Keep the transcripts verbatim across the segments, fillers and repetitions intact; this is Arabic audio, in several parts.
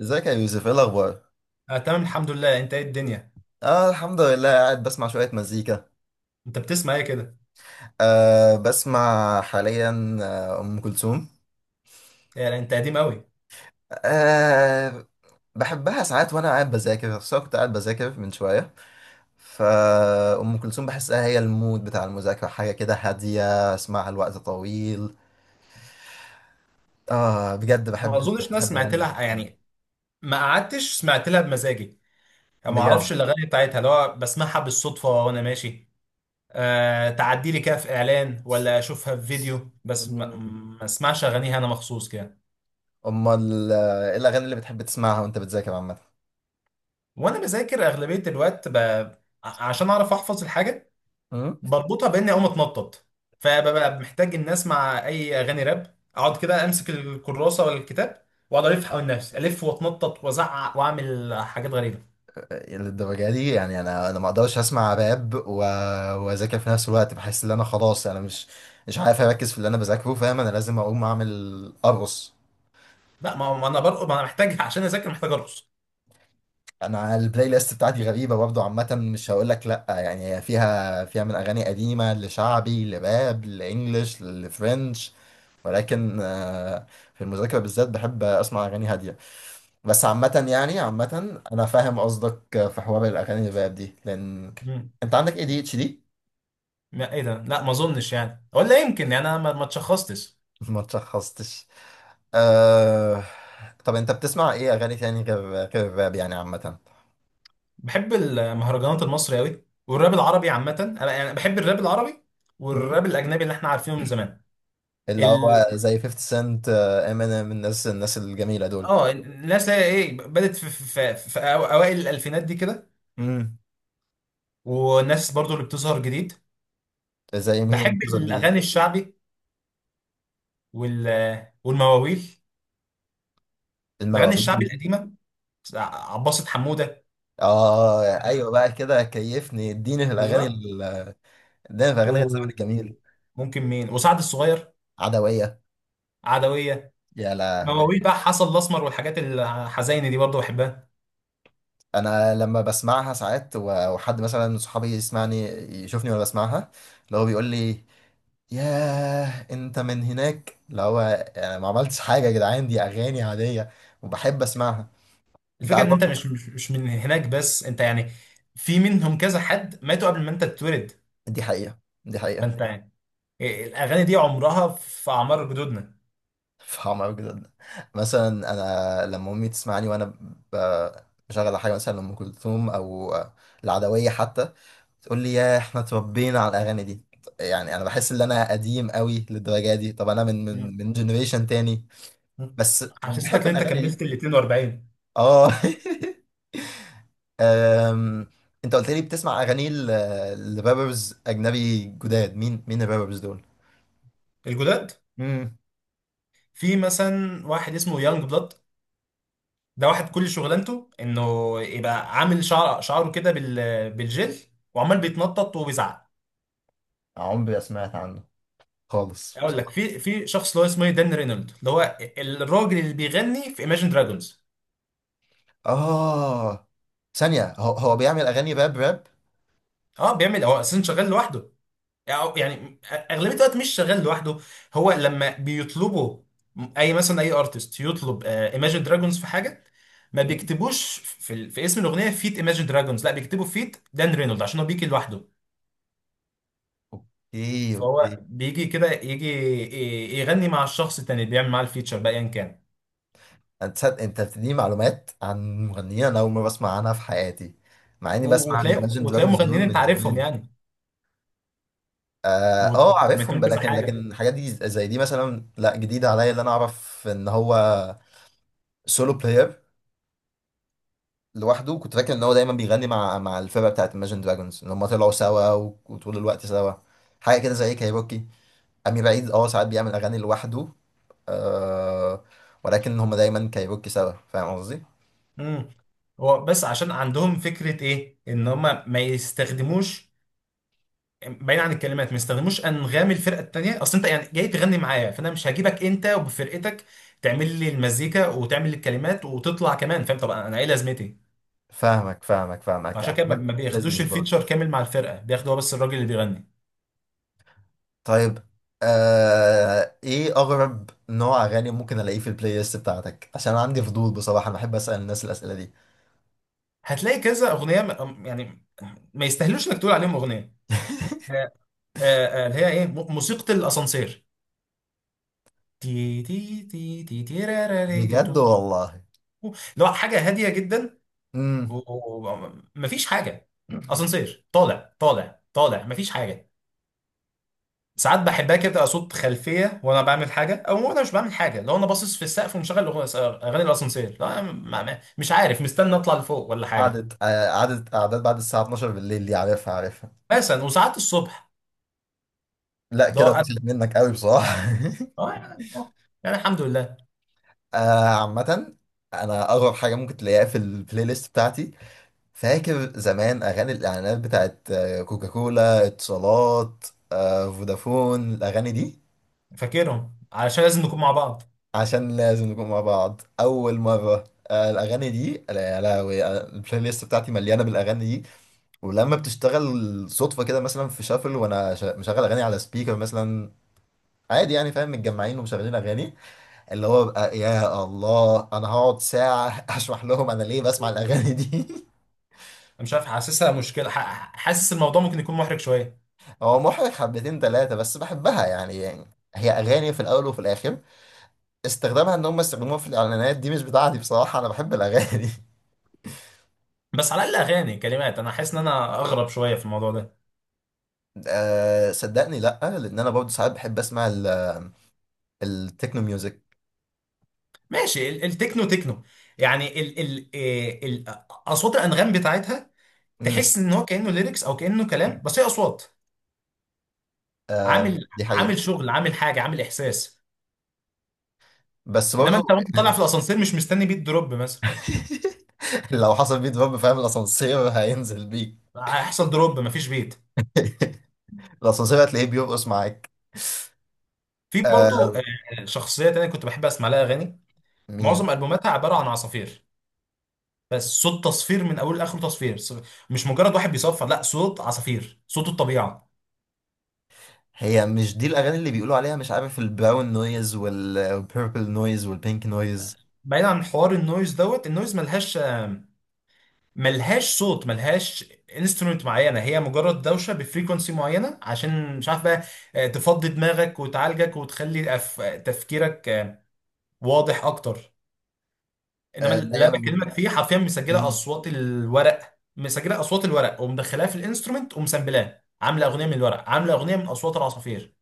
ازيك يا يوسف؟ ايه الاخبار؟ آه، تمام الحمد لله. انت ايه الدنيا؟ اه، الحمد لله. قاعد بسمع شويه مزيكا. انت بتسمع ايه كده؟ آه، بسمع حاليا آه، ام كلثوم. يعني انت قديم قوي. آه، بحبها ساعات وانا قاعد بذاكر، خصوصا كنت قاعد بذاكر من شويه. فأم كلثوم بحسها هي المود بتاع المذاكرة، حاجة كده هادية اسمعها لوقت طويل. آه، بجد ما بحب. اظنش ناس بحب أغاني سمعت أم لها كلثوم يعني. ما قعدتش سمعت لها بمزاجي. يعني ما اعرفش بجد. الاغاني بتاعتها، اللي هو بسمعها بالصدفه وانا ماشي. آه، تعدي لي كده في اعلان ولا اشوفها في فيديو، بس ما, مم. ما اسمعش اغانيها انا مخصوص كده. أمال آه، إيه الأغاني اللي بتحب تسمعها وأنت بتذاكر عامة؟ وانا بذاكر اغلبيه الوقت ب... ع- عشان اعرف احفظ الحاجه. بربطها باني اقوم اتنطط. فببقى محتاج ان اسمع اي اغاني راب، اقعد كده امسك الكراسه ولا الكتاب واقعد الف حوالين نفسي الف واتنطط وازعق واعمل حاجات غريبه. للدرجة دي يعني انا انا ما اقدرش اسمع راب و- واذاكر في نفس الوقت. بحس ان انا خلاص، انا مش مش عارف اركز في اللي انا بذاكره. فاهم، انا لازم اقوم اعمل ارقص. لا، ما ما انا برقص، ما انا محتاج عشان اذاكر محتاج ارقص. انا البلاي ليست بتاعتي غريبة برضه، عامة مش هقول لك لا، يعني هي فيها فيها من اغاني قديمة، لشعبي، لراب، لانجلش، لفرنش. ولكن آه، في المذاكرة بالذات بحب اسمع اغاني هادية. بس عامة، يعني عامة انا فاهم قصدك في حوار الاغاني الراب دي، لان... مم. انت عندك اي دي اتش دي؟ لا، ايه ده؟ لا ما اظنش يعني، ولا يمكن يعني، انا ما ما اتشخصتش. ما تشخصتش. آه... طب انت بتسمع ايه اغاني تاني غير غير الراب يعني عامة؟ بحب المهرجانات المصري قوي والراب العربي عامه، انا يعني بحب الراب العربي. مم. والراب الاجنبي اللي احنا عارفينه من زمان. اللي ال... هو زي 50 سنت، امينيم، الناس الناس الجميلة دول. اه، الناس اللي هي ايه، بدات في, في, في, في أو- اوائل الالفينات دي كده. مم. والناس برضو اللي بتظهر جديد. زي مين اللي بحب بتظهر جديد؟ الاغاني الشعبي وال والمواويل. الاغاني الشعبي المواويل. القديمه. عباسة حموده. اه، ايوه بقى كده، كيفني اديني في الاغاني بالظبط. ال- اديني في اغاني الزمن الجميل. وممكن مين وسعد الصغير. عدوية. عدويه. يا لهوي! مواويل بقى حسن الاسمر والحاجات الحزينه دي برضو بحبها. انا لما بسمعها ساعات و- وحد مثلا من صحابي يسمعني، يشوفني وانا بسمعها، اللي هو بيقول لي: ياه، انت من هناك. اللي هو انا ما عملتش حاجه يا جدعان، دي اغاني عاديه، وبحب اسمعها. انت الفكره عارف ان انت برضه... مش مش مش من هناك، بس انت يعني. في منهم كذا حد ماتوا قبل ما انت تتولد. دي حقيقه، دي حقيقه. فانت يعني، الاغاني دي عمرها في اعمار جدودنا. فاهم قوي جدا. مثلا انا لما امي تسمعني وانا ب- بشغل حاجه مثلا ام كلثوم او العدويه حتى، تقول لي: يا، احنا اتربينا على الاغاني دي. يعني انا بحس ان انا قديم قوي للدرجه دي. طب انا من من من جنريشن تاني، مم. بس حسستك بحب ان انت الاغاني دي. كملت ال اتنين واربعين؟ اه. أم... انت قلت لي بتسمع اغاني ل- لرابرز اجنبي جداد. مين مين الرابرز دول؟ الجداد. امم. في مثلا واحد اسمه يانج بلاد. ده واحد كل شغلانته انه يبقى عامل شعر شعره كده بال بالجل، وعمال بيتنطط وبيزعق. عمري ما سمعت عنه خالص اقول لك بصراحه. في في شخص اللي هو اسمه إيه؟ دان رينولد، اللي هو الراجل اللي بيغني في ايماجن دراجونز. اه، ثانيه، هو, هو بيعمل اغاني راب راب؟ اه، بيعمل هو اساسا شغال لوحده. أو يعني اغلبيه الوقت مش شغال لوحده. هو لما بيطلبوا اي، مثلا اي ارتست يطلب ايماجن دراجونز في حاجه، ما مم. بيكتبوش في, ال- في اسم الاغنيه فيت ايماجن دراجونز، لا بيكتبوا فيت دان رينولد، عشان هو بيجي لوحده. اوكي، فهو اوكي. بيجي كده يجي ي- يغني مع الشخص التاني اللي بيعمل معاه الفيتشر بقى، ايا كان. انت صد- انت بتديني معلومات عن مغنيين انا اول مره بسمع عنها في حياتي، مع اني و- بسمع وتلاقي الايماجن وتلاقي دراجونز دول مغنيين انت من عارفهم زمان. يعني، اه، آه، عارفهم وعملتهم بقى، كذا لكن لكن حاجه. الحاجات دي زي دي مثلا لا، جديده عليا. اللي انا اعرف ان هو سولو بلاير لوحده. كنت فاكر ان هو دايما بيغني مع مع الفرقه بتاعت Imagine Dragons، ان هم طلعوا سوا و- وطول الوقت سوا. حاجه كده زي كايروكي. امير عيد، اه، ساعات بيعمل اغاني لوحده. آه. ولكن هم دايما كايروكي سوا، فاهم قصدي؟ امم. هو بس عشان عندهم فكره ايه، ان هم ما يستخدموش، بعيد عن الكلمات، ما يستخدموش انغام الفرقه التانيه. اصل انت يعني جاي تغني معايا، فانا مش هجيبك انت وبفرقتك تعمل لي المزيكا وتعمل لي الكلمات وتطلع كمان، فاهم؟ طب انا ايه لازمتي؟ فاهمك فاهمك فاهمك، عشان كده ما احنا ما بياخدوش بزنس برضه. الفيتشر كامل مع الفرقه، بياخدوا هو بس الراجل اللي بيغني. طيب. آه ايه اغرب نوع اغاني ممكن الاقيه في البلاي ليست بتاعتك؟ عشان أنا عندي فضول بصراحه، انا بحب اسال الناس الاسئله دي. هتلاقي كذا اغنيه م- يعني ما يستاهلوش انك تقول عليهم اغنيه. آه، آه، آه، اللي هي ايه، م- موسيقى الاسانسير. تي تي تي تي تي را را ري تو بجد تو تي. والله! و- اللي هو حاجه هاديه جدا، امم ومفيش حاجه. اسانسير طالع طالع طالع، مفيش حاجه. ساعات بحبها كده، تبقى صوت خلفيه وانا بعمل حاجه، او وانا مش بعمل حاجه، لو انا باصص في السقف ومشغل أغ- اغاني الاسانسير، لا ما- ما- مش عارف، مستني اطلع لفوق ولا حاجه. قعدت آه، قعدت قعدات بعد الساعة اتناشر بالليل، دي عارفها عارفها. مثلا وساعات الصبح. لا، ده كده انا، بسلك منك قوي بصراحة. آه، آه، يعني الحمد لله. آه، عامة، أنا أغرب حاجة ممكن تلاقيها في البلاي ليست بتاعتي، فاكر زمان أغاني الإعلانات بتاعت آه، كوكاكولا، اتصالات، آه، فودافون، الأغاني دي. فاكرهم، علشان لازم نكون مع بعض. عشان لازم نكون مع بعض. أول مرة آه، الأغاني دي. لا، لا. البلاي ليست بتاعتي مليانة بالأغاني دي، ولما بتشتغل صدفة كده مثلا في شافل وأنا شا- مشغل أغاني على سبيكر مثلا، عادي يعني، فاهم، متجمعين ومشغلين اغاني. اللي هو بقى يا الله، انا هقعد ساعه اشرح لهم انا ليه بسمع الاغاني دي. انا مش عارف، حاسسها مشكله، ح- حاسس الموضوع ممكن يكون محرج شويه. هو محرج حبتين ثلاثه، بس بحبها، يعني, يعني هي اغاني في الاول وفي الاخر. استخدامها ان هم يستخدموها في الاعلانات دي مش بتاعتي بصراحه، انا بحب الاغاني. بس على الاقل اغاني كلمات، انا حاسس ان انا اغرب شويه في الموضوع ده. أه، صدقني لا، لان انا برضه ساعات بحب اسمع ال- التكنو ميوزك. ماشي، ال- التكنو تكنو. يعني ال ال إيه، ال آه، اصوات الانغام بتاعتها. امم. تحس ان هو كانه ليركس او كانه كلام، بس هي اصوات. عامل دي حقيقه، عامل شغل، عامل حاجه، عامل احساس. بس انما برضه. انت وانت طالع في الاسانسير مش مستني بيت دروب مثلا. لو حصل بيه دروب، فاهم؟ الاسانسير هينزل بيك. هيحصل دروب مفيش بيت. الاسانسير هتلاقيه بيرقص معاك. في برضو آه، شخصيه تانية كنت بحب اسمع لها اغاني. مين؟ معظم البوماتها عباره عن عصافير. بس صوت تصفير من اوله لاخره، تصفير، ص- مش مجرد واحد بيصفر، لا صوت عصافير، صوت الطبيعه. هي مش دي الاغاني اللي بيقولوا عليها مش عارف، البراون نويز والبيربل نويز والبينك نويز؟ بعيد عن حوار النويز دوت، النويز ملهاش آم، ملهاش صوت، ملهاش انسترومنت معينه، هي مجرد دوشه بفريكونسي معينه، عشان مش عارف بقى آه، تفضي دماغك وتعالجك وتخلي أف- تفكيرك آه، واضح اكتر. انما آه، لا اللي يا أنا م- بكلمك فيه حرفيا مسجله م- اصوات الورق، مسجله اصوات الورق ومدخلاها في الانسترومنت ومسامبلاه، عامله اغنيه من الورق، عامله اغنيه من اصوات العصافير.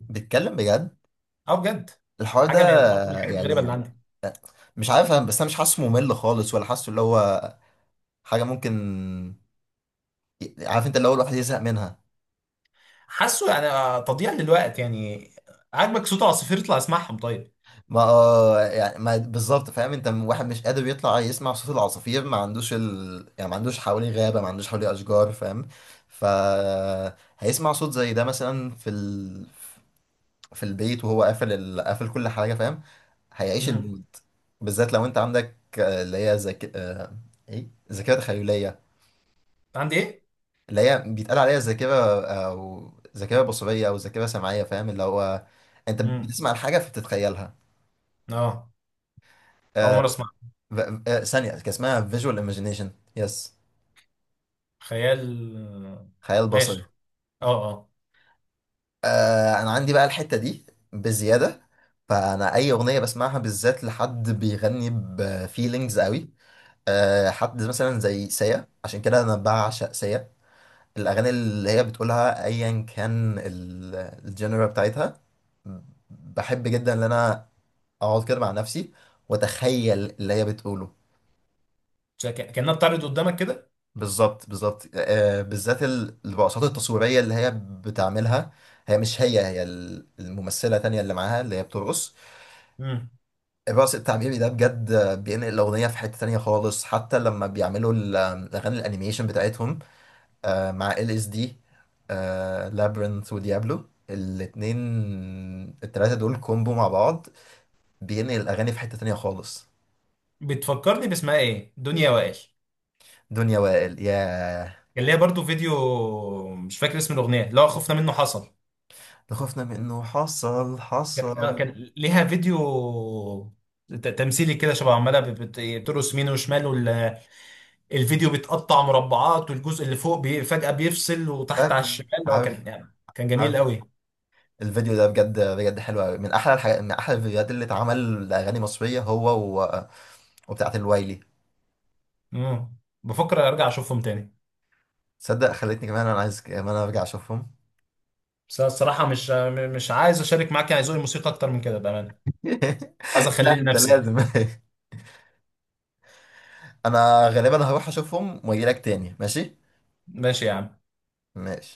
بتكلم بجد اه بجد. الحوار ده؟ حاجه من برضه من الحاجات الغريبه يعني اللي عندي. مش عارف، أنا- بس انا مش حاسه ممل خالص، ولا حاسه اللي هو حاجه ممكن، عارف انت اللي هو الواحد يزهق منها. حاسه يعني آه، تضييع للوقت يعني. عاجبك صوت عصافير اطلع اسمعهم طيب. ما آه، يعني ما بالظبط، فاهم انت واحد مش قادر يطلع يسمع صوت العصافير، ما عندوش ال... يعني ما عندوش حواليه غابه، ما عندوش حواليه اشجار، فاهم؟ ف... هيسمع صوت زي ده مثلا في ال... في البيت، وهو قافل ال... قافل كل حاجه، فاهم؟ هيعيش امم. المود. بالذات لو انت عندك آه، اللي هي ذاك آه، ايه، ذاكره تخيليه، عندي ايه؟ اللي هي بيتقال عليها ذاكره، او ذاكره بصريه، او ذاكره سمعيه. فاهم، اللي هو انت امم. بتسمع الحاجه فبتتخيلها. اه. اول آه، مره اسمع. ف- آه، ثانيه، كان اسمها فيجوال ايماجينيشن. يس، خيال. خيال ماشي. بصري. اه، اه. آه، انا عندي بقى الحته دي بزياده. فانا اي اغنيه بسمعها بالذات لحد بيغني بفيلينجز قوي، آه، حد مثلا زي سيا، عشان كده انا بعشق سيا. الاغاني اللي هي بتقولها ايا كان ال- الجنرا بتاعتها، بحب جدا ان انا اقعد كده مع نفسي واتخيل اللي هي بتقوله. شا- ك- كانها بتعرض قدامك كده. بالظبط، بالظبط، آه، بالذات ال- الرقصات التصويريه اللي هي بتعملها، هي مش هي هي ال- الممثله تانية اللي معاها اللي هي بترقص. امم. الرقص التعبيري ده بجد بينقل الاغنيه في حته تانية خالص، حتى لما بيعملوا ال- الاغاني الانيميشن بتاعتهم آه، مع ال اس دي، لابرنث وديابلو الاتنين، التلاتة دول كومبو مع بعض، بينقل الأغاني في حتة تانية خالص. بتفكرني باسمها ايه، دنيا وائل. دنيا وائل، يا كان ليها برضو فيديو، مش فاكر اسم الاغنيه، اللي هو خفنا منه حصل. لخوفنا من إنه حصل كان آه، حصل. كان ليها فيديو ت- تمثيلي كده، شبه عماله بت- بت- بترقص يمين وشمال. الفيديو بيتقطع مربعات، والجزء اللي فوق بي فجأة بيفصل وتحت على فاكر. الشمال، اللي هو عارف، كان يعني كان جميل عارف. قوي. الفيديو ده بجد بجد حلو أوي، من أحلى الحاجات، من أحلى الفيديوهات اللي اتعمل لأغاني مصرية. هو و... وبتاعة الوايلي. امم. بفكر ارجع اشوفهم تاني. تصدق خلتني كمان أنا عايز كمان أرجع أشوفهم. بس أنا الصراحة مش مش عايز اشارك معاك يعني ذوقي الموسيقى اكتر من كده بأمانة. عايز لا، اخليه أنت لنفسي. لازم. أنا غالبا هروح أشوفهم وأجيلك تاني، ماشي؟ ماشي يا عم. ماشي.